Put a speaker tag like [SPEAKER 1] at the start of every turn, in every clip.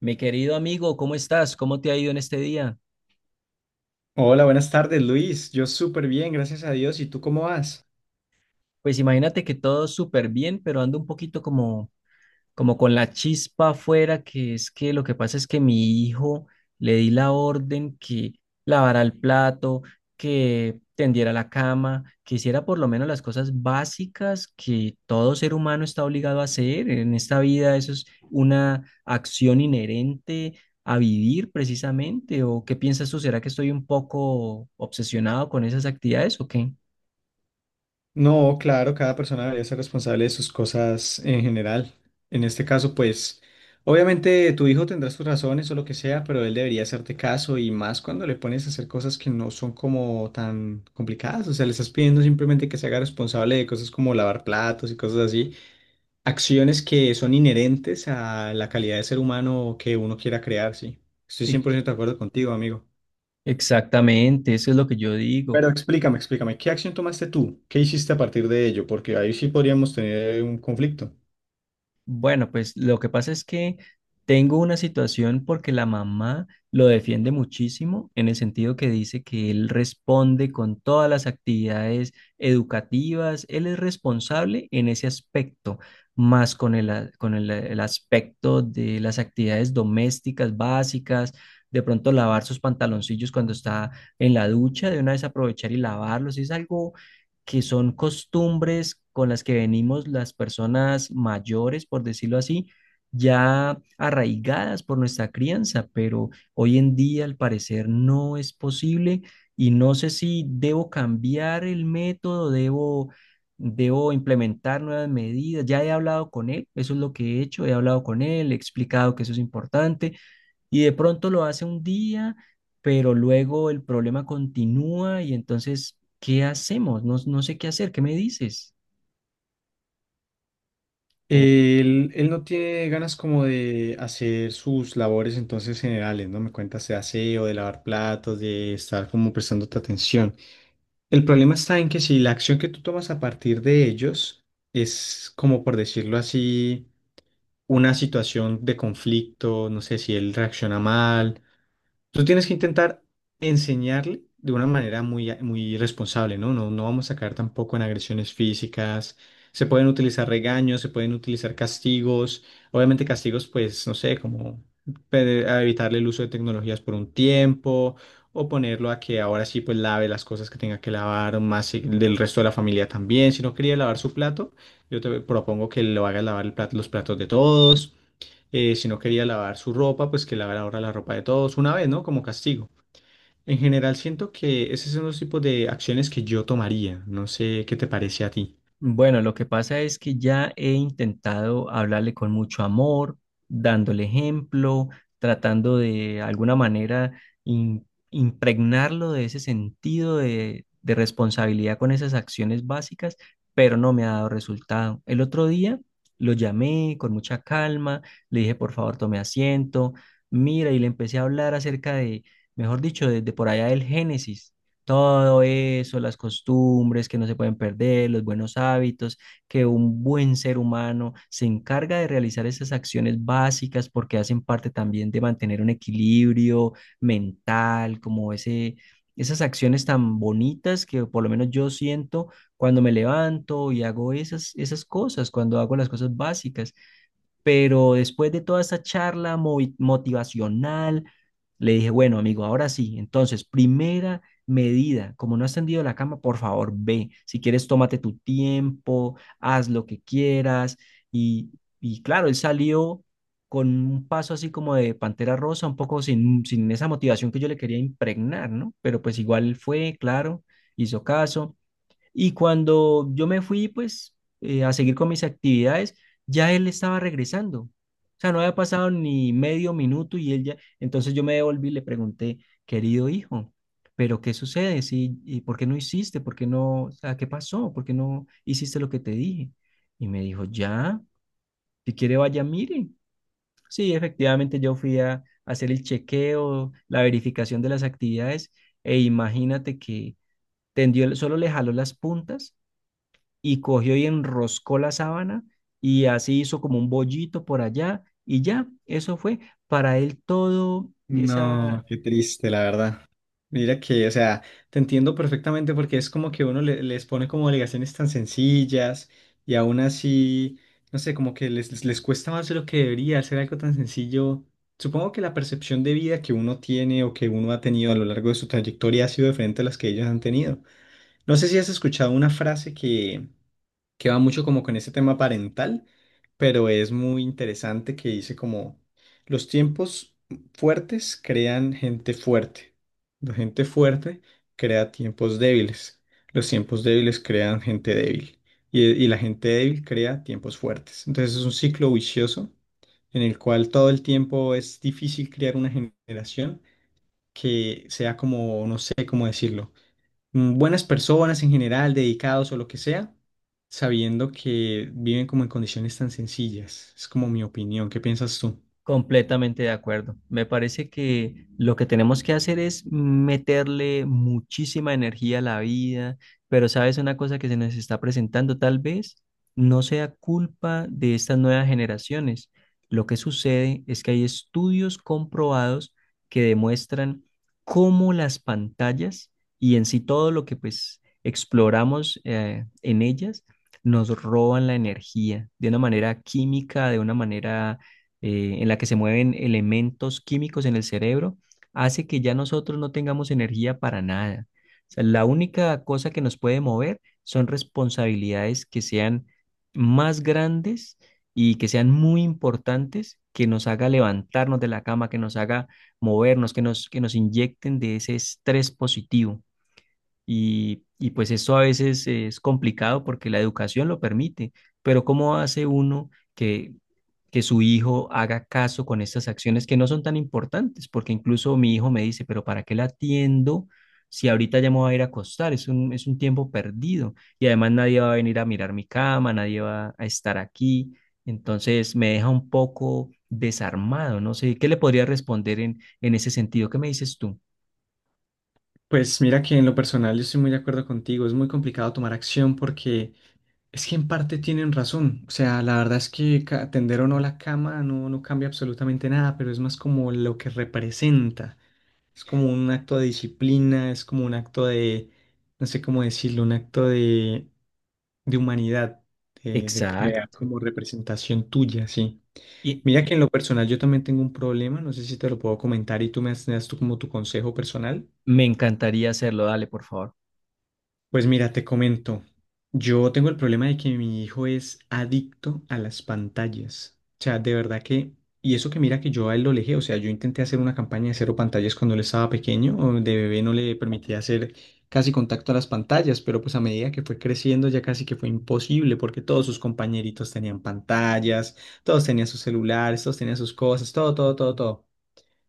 [SPEAKER 1] Mi querido amigo, ¿cómo estás? ¿Cómo te ha ido en este día?
[SPEAKER 2] Hola, buenas tardes, Luis. Yo súper bien, gracias a Dios. ¿Y tú cómo vas?
[SPEAKER 1] Pues imagínate que todo súper bien, pero ando un poquito como con la chispa afuera, que es que lo que pasa es que mi hijo le di la orden que lavara el plato, que tendiera la cama, que hiciera por lo menos las cosas básicas que todo ser humano está obligado a hacer. En esta vida eso es una acción inherente a vivir precisamente. ¿O qué piensas tú? ¿Será que estoy un poco obsesionado con esas actividades o qué?
[SPEAKER 2] No, claro, cada persona debería ser responsable de sus cosas en general. En este caso, pues, obviamente tu hijo tendrá sus razones o lo que sea, pero él debería hacerte caso y más cuando le pones a hacer cosas que no son como tan complicadas. O sea, le estás pidiendo simplemente que se haga responsable de cosas como lavar platos y cosas así. Acciones que son inherentes a la calidad de ser humano que uno quiera crear, sí. Estoy cien
[SPEAKER 1] Sí.
[SPEAKER 2] por ciento de acuerdo contigo, amigo.
[SPEAKER 1] Exactamente, eso es lo que yo digo.
[SPEAKER 2] Pero explícame, explícame, ¿qué acción tomaste tú? ¿Qué hiciste a partir de ello? Porque ahí sí podríamos tener un conflicto.
[SPEAKER 1] Bueno, pues lo que pasa es que tengo una situación porque la mamá lo defiende muchísimo en el sentido que dice que él responde con todas las actividades educativas, él es responsable en ese aspecto, más con el, a- con el aspecto de las actividades domésticas básicas, de pronto lavar sus pantaloncillos cuando está en la ducha, de una vez aprovechar y lavarlos, es algo que son costumbres con las que venimos las personas mayores, por decirlo así, ya arraigadas por nuestra crianza, pero hoy en día al parecer no es posible y no sé si debo cambiar el método, debo implementar nuevas medidas. Ya he hablado con él, eso es lo que he hecho, he hablado con él, he explicado que eso es importante y de pronto lo hace un día, pero luego el problema continúa y entonces, ¿qué hacemos? No, no sé qué hacer, ¿qué me dices?
[SPEAKER 2] Él no tiene ganas como de hacer sus labores entonces generales, ¿no? Me cuentas de aseo, de lavar platos, de estar como prestándote atención. El problema está en que si la acción que tú tomas a partir de ellos es, como por decirlo así, una situación de conflicto, no sé si él reacciona mal. Tú tienes que intentar enseñarle de una manera muy, muy responsable, ¿no? No, no vamos a caer tampoco en agresiones físicas. Se pueden utilizar regaños, se pueden utilizar castigos. Obviamente castigos, pues, no sé, como a evitarle el uso de tecnologías por un tiempo o ponerlo a que ahora sí, pues, lave las cosas que tenga que lavar, o más del resto de la familia también. Si no quería lavar su plato, yo te propongo que lo haga lavar los platos de todos, si no quería lavar su ropa, pues que lavara ahora la ropa de todos una vez, ¿no? Como castigo. En general, siento que esos son los tipos de acciones que yo tomaría. No sé qué te parece a ti.
[SPEAKER 1] Bueno, lo que pasa es que ya he intentado hablarle con mucho amor, dándole ejemplo, tratando de alguna manera im- impregnarlo de ese sentido de responsabilidad con esas acciones básicas, pero no me ha dado resultado. El otro día lo llamé con mucha calma, le dije, por favor, tome asiento, mira, y le empecé a hablar acerca de, mejor dicho, desde por allá del Génesis. Todo eso, las costumbres que no se pueden perder, los buenos hábitos, que un buen ser humano se encarga de realizar esas acciones básicas porque hacen parte también de mantener un equilibrio mental, como ese, esas acciones tan bonitas que por lo menos yo siento cuando me levanto y hago esas cosas, cuando hago las cosas básicas. Pero después de toda esa charla motivacional, le dije, bueno, amigo, ahora sí. Entonces, primera medida, como no has tendido la cama, por favor, ve. Si quieres, tómate tu tiempo, haz lo que quieras. Y, y claro, él salió con un paso así como de Pantera Rosa, un poco sin esa motivación que yo le quería impregnar, ¿no? Pero pues igual fue, claro, hizo caso. Y cuando yo me fui, pues, a seguir con mis actividades, ya él estaba regresando. O sea, no había pasado ni medio minuto y él ya... Entonces yo me devolví y le pregunté, querido hijo, ¿pero qué sucede? ¿Sí? ¿Y por qué no hiciste? ¿Por qué no? O sea, ¿qué pasó? ¿Por qué no hiciste lo que te dije? Y me dijo, ya, si quiere vaya, mire. Sí, efectivamente yo fui a hacer el chequeo, la verificación de las actividades e imagínate que tendió, solo le jaló las puntas y cogió y enroscó la sábana y así hizo como un bollito por allá y ya, eso fue para él todo
[SPEAKER 2] No,
[SPEAKER 1] esa.
[SPEAKER 2] qué triste, la verdad. Mira que, o sea, te entiendo perfectamente porque es como que uno les pone como obligaciones tan sencillas y aún así, no sé, como que les cuesta más de lo que debería hacer algo tan sencillo. Supongo que la percepción de vida que uno tiene o que uno ha tenido a lo largo de su trayectoria ha sido diferente a las que ellos han tenido. No sé si has escuchado una frase que va mucho como con ese tema parental, pero es muy interesante, que dice como: los tiempos fuertes crean gente fuerte, la gente fuerte crea tiempos débiles, los tiempos débiles crean gente débil y la gente débil crea tiempos fuertes. Entonces es un ciclo vicioso en el cual todo el tiempo es difícil crear una generación que sea como, no sé cómo decirlo, buenas personas en general, dedicados o lo que sea, sabiendo que viven como en condiciones tan sencillas. Es como mi opinión. ¿Qué piensas tú?
[SPEAKER 1] Completamente de acuerdo. Me parece que lo que tenemos que hacer es meterle muchísima energía a la vida, pero sabes una cosa que se nos está presentando, tal vez no sea culpa de estas nuevas generaciones. Lo que sucede es que hay estudios comprobados que demuestran cómo las pantallas y en sí todo lo que pues exploramos en ellas nos roban la energía de una manera química, de una manera en la que se mueven elementos químicos en el cerebro, hace que ya nosotros no tengamos energía para nada. O sea, la única cosa que nos puede mover son responsabilidades que sean más grandes y que sean muy importantes, que nos haga levantarnos de la cama, que nos haga movernos, que nos inyecten de ese estrés positivo. Y pues eso a veces es complicado porque la educación lo permite, pero ¿cómo hace uno que su hijo haga caso con estas acciones que no son tan importantes? Porque incluso mi hijo me dice, pero ¿para qué la atiendo si ahorita ya me voy a ir a acostar? Es un tiempo perdido y además nadie va a venir a mirar mi cama, nadie va a estar aquí. Entonces me deja un poco desarmado, no sé, ¿qué le podría responder en ese sentido? ¿Qué me dices tú?
[SPEAKER 2] Pues mira que en lo personal yo estoy muy de acuerdo contigo. Es muy complicado tomar acción porque es que en parte tienen razón. O sea, la verdad es que tender o no la cama no, no cambia absolutamente nada, pero es más como lo que representa. Es como un acto de disciplina, es como un acto de, no sé cómo decirlo, un acto de humanidad, de crear
[SPEAKER 1] Exacto.
[SPEAKER 2] como representación tuya, sí.
[SPEAKER 1] Y,
[SPEAKER 2] Mira que en lo personal yo también tengo un problema, no sé si te lo puedo comentar y tú me das tú como tu consejo personal.
[SPEAKER 1] me encantaría hacerlo, dale, por favor.
[SPEAKER 2] Pues mira, te comento, yo tengo el problema de que mi hijo es adicto a las pantallas. O sea, de verdad que, y eso que mira que yo a él lo alejé, o sea, yo intenté hacer una campaña de cero pantallas cuando él estaba pequeño, o de bebé no le permitía hacer casi contacto a las pantallas, pero pues a medida que fue creciendo ya casi que fue imposible porque todos sus compañeritos tenían pantallas, todos tenían sus celulares, todos tenían sus cosas, todo, todo, todo, todo.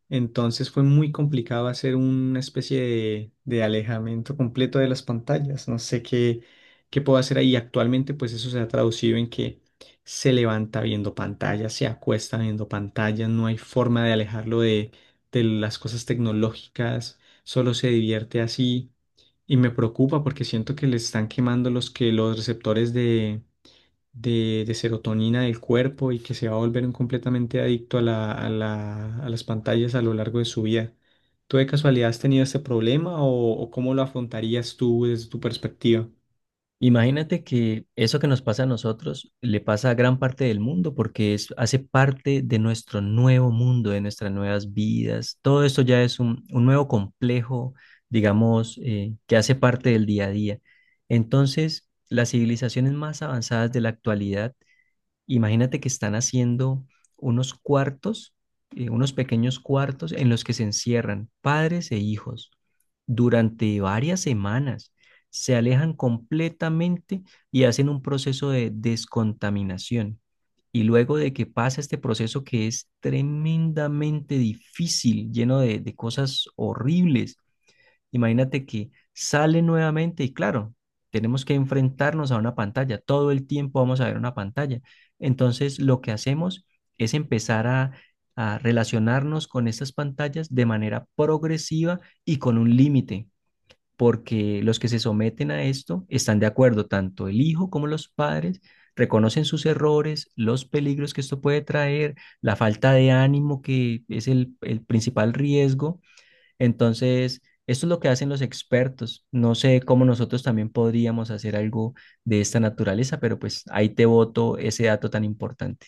[SPEAKER 2] Entonces fue muy complicado hacer una especie de alejamiento completo de las pantallas. No sé qué, qué puedo hacer ahí. Actualmente, pues eso se ha traducido en que se levanta viendo pantallas, se acuesta viendo pantallas, no hay forma de alejarlo de las cosas tecnológicas, solo se divierte así. Y me preocupa porque siento que le están quemando los que los receptores de serotonina del cuerpo y que se va a volver un completamente adicto a la, a las pantallas a lo largo de su vida. ¿Tú de casualidad has tenido este problema o cómo lo afrontarías tú desde tu perspectiva?
[SPEAKER 1] Imagínate que eso que nos pasa a nosotros le pasa a gran parte del mundo porque es, hace parte de nuestro nuevo mundo, de nuestras nuevas vidas. Todo esto ya es un nuevo complejo, digamos, que hace parte del día a día. Entonces, las civilizaciones más avanzadas de la actualidad, imagínate, que están haciendo unos cuartos, unos pequeños cuartos en los que se encierran padres e hijos durante varias semanas. Se alejan completamente y hacen un proceso de descontaminación. Y luego de que pasa este proceso que es tremendamente difícil, lleno de cosas horribles, imagínate que sale nuevamente y claro, tenemos que enfrentarnos a una pantalla. Todo el tiempo vamos a ver una pantalla. Entonces, lo que hacemos es empezar a relacionarnos con estas pantallas de manera progresiva y con un límite, porque los que se someten a esto están de acuerdo, tanto el hijo como los padres. Reconocen sus errores, los peligros que esto puede traer, la falta de ánimo que es el principal riesgo. Entonces, esto es lo que hacen los expertos. No sé cómo nosotros también podríamos hacer algo de esta naturaleza, pero pues ahí te boto ese dato tan importante.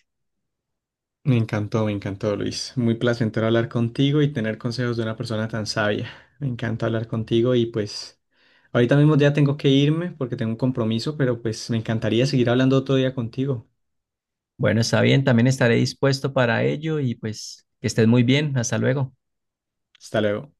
[SPEAKER 2] Me encantó, Luis. Muy placentero hablar contigo y tener consejos de una persona tan sabia. Me encanta hablar contigo y pues ahorita mismo ya tengo que irme porque tengo un compromiso, pero pues me encantaría seguir hablando otro día contigo.
[SPEAKER 1] Bueno, está bien, también estaré dispuesto para ello y pues que estés muy bien. Hasta luego.
[SPEAKER 2] Hasta luego.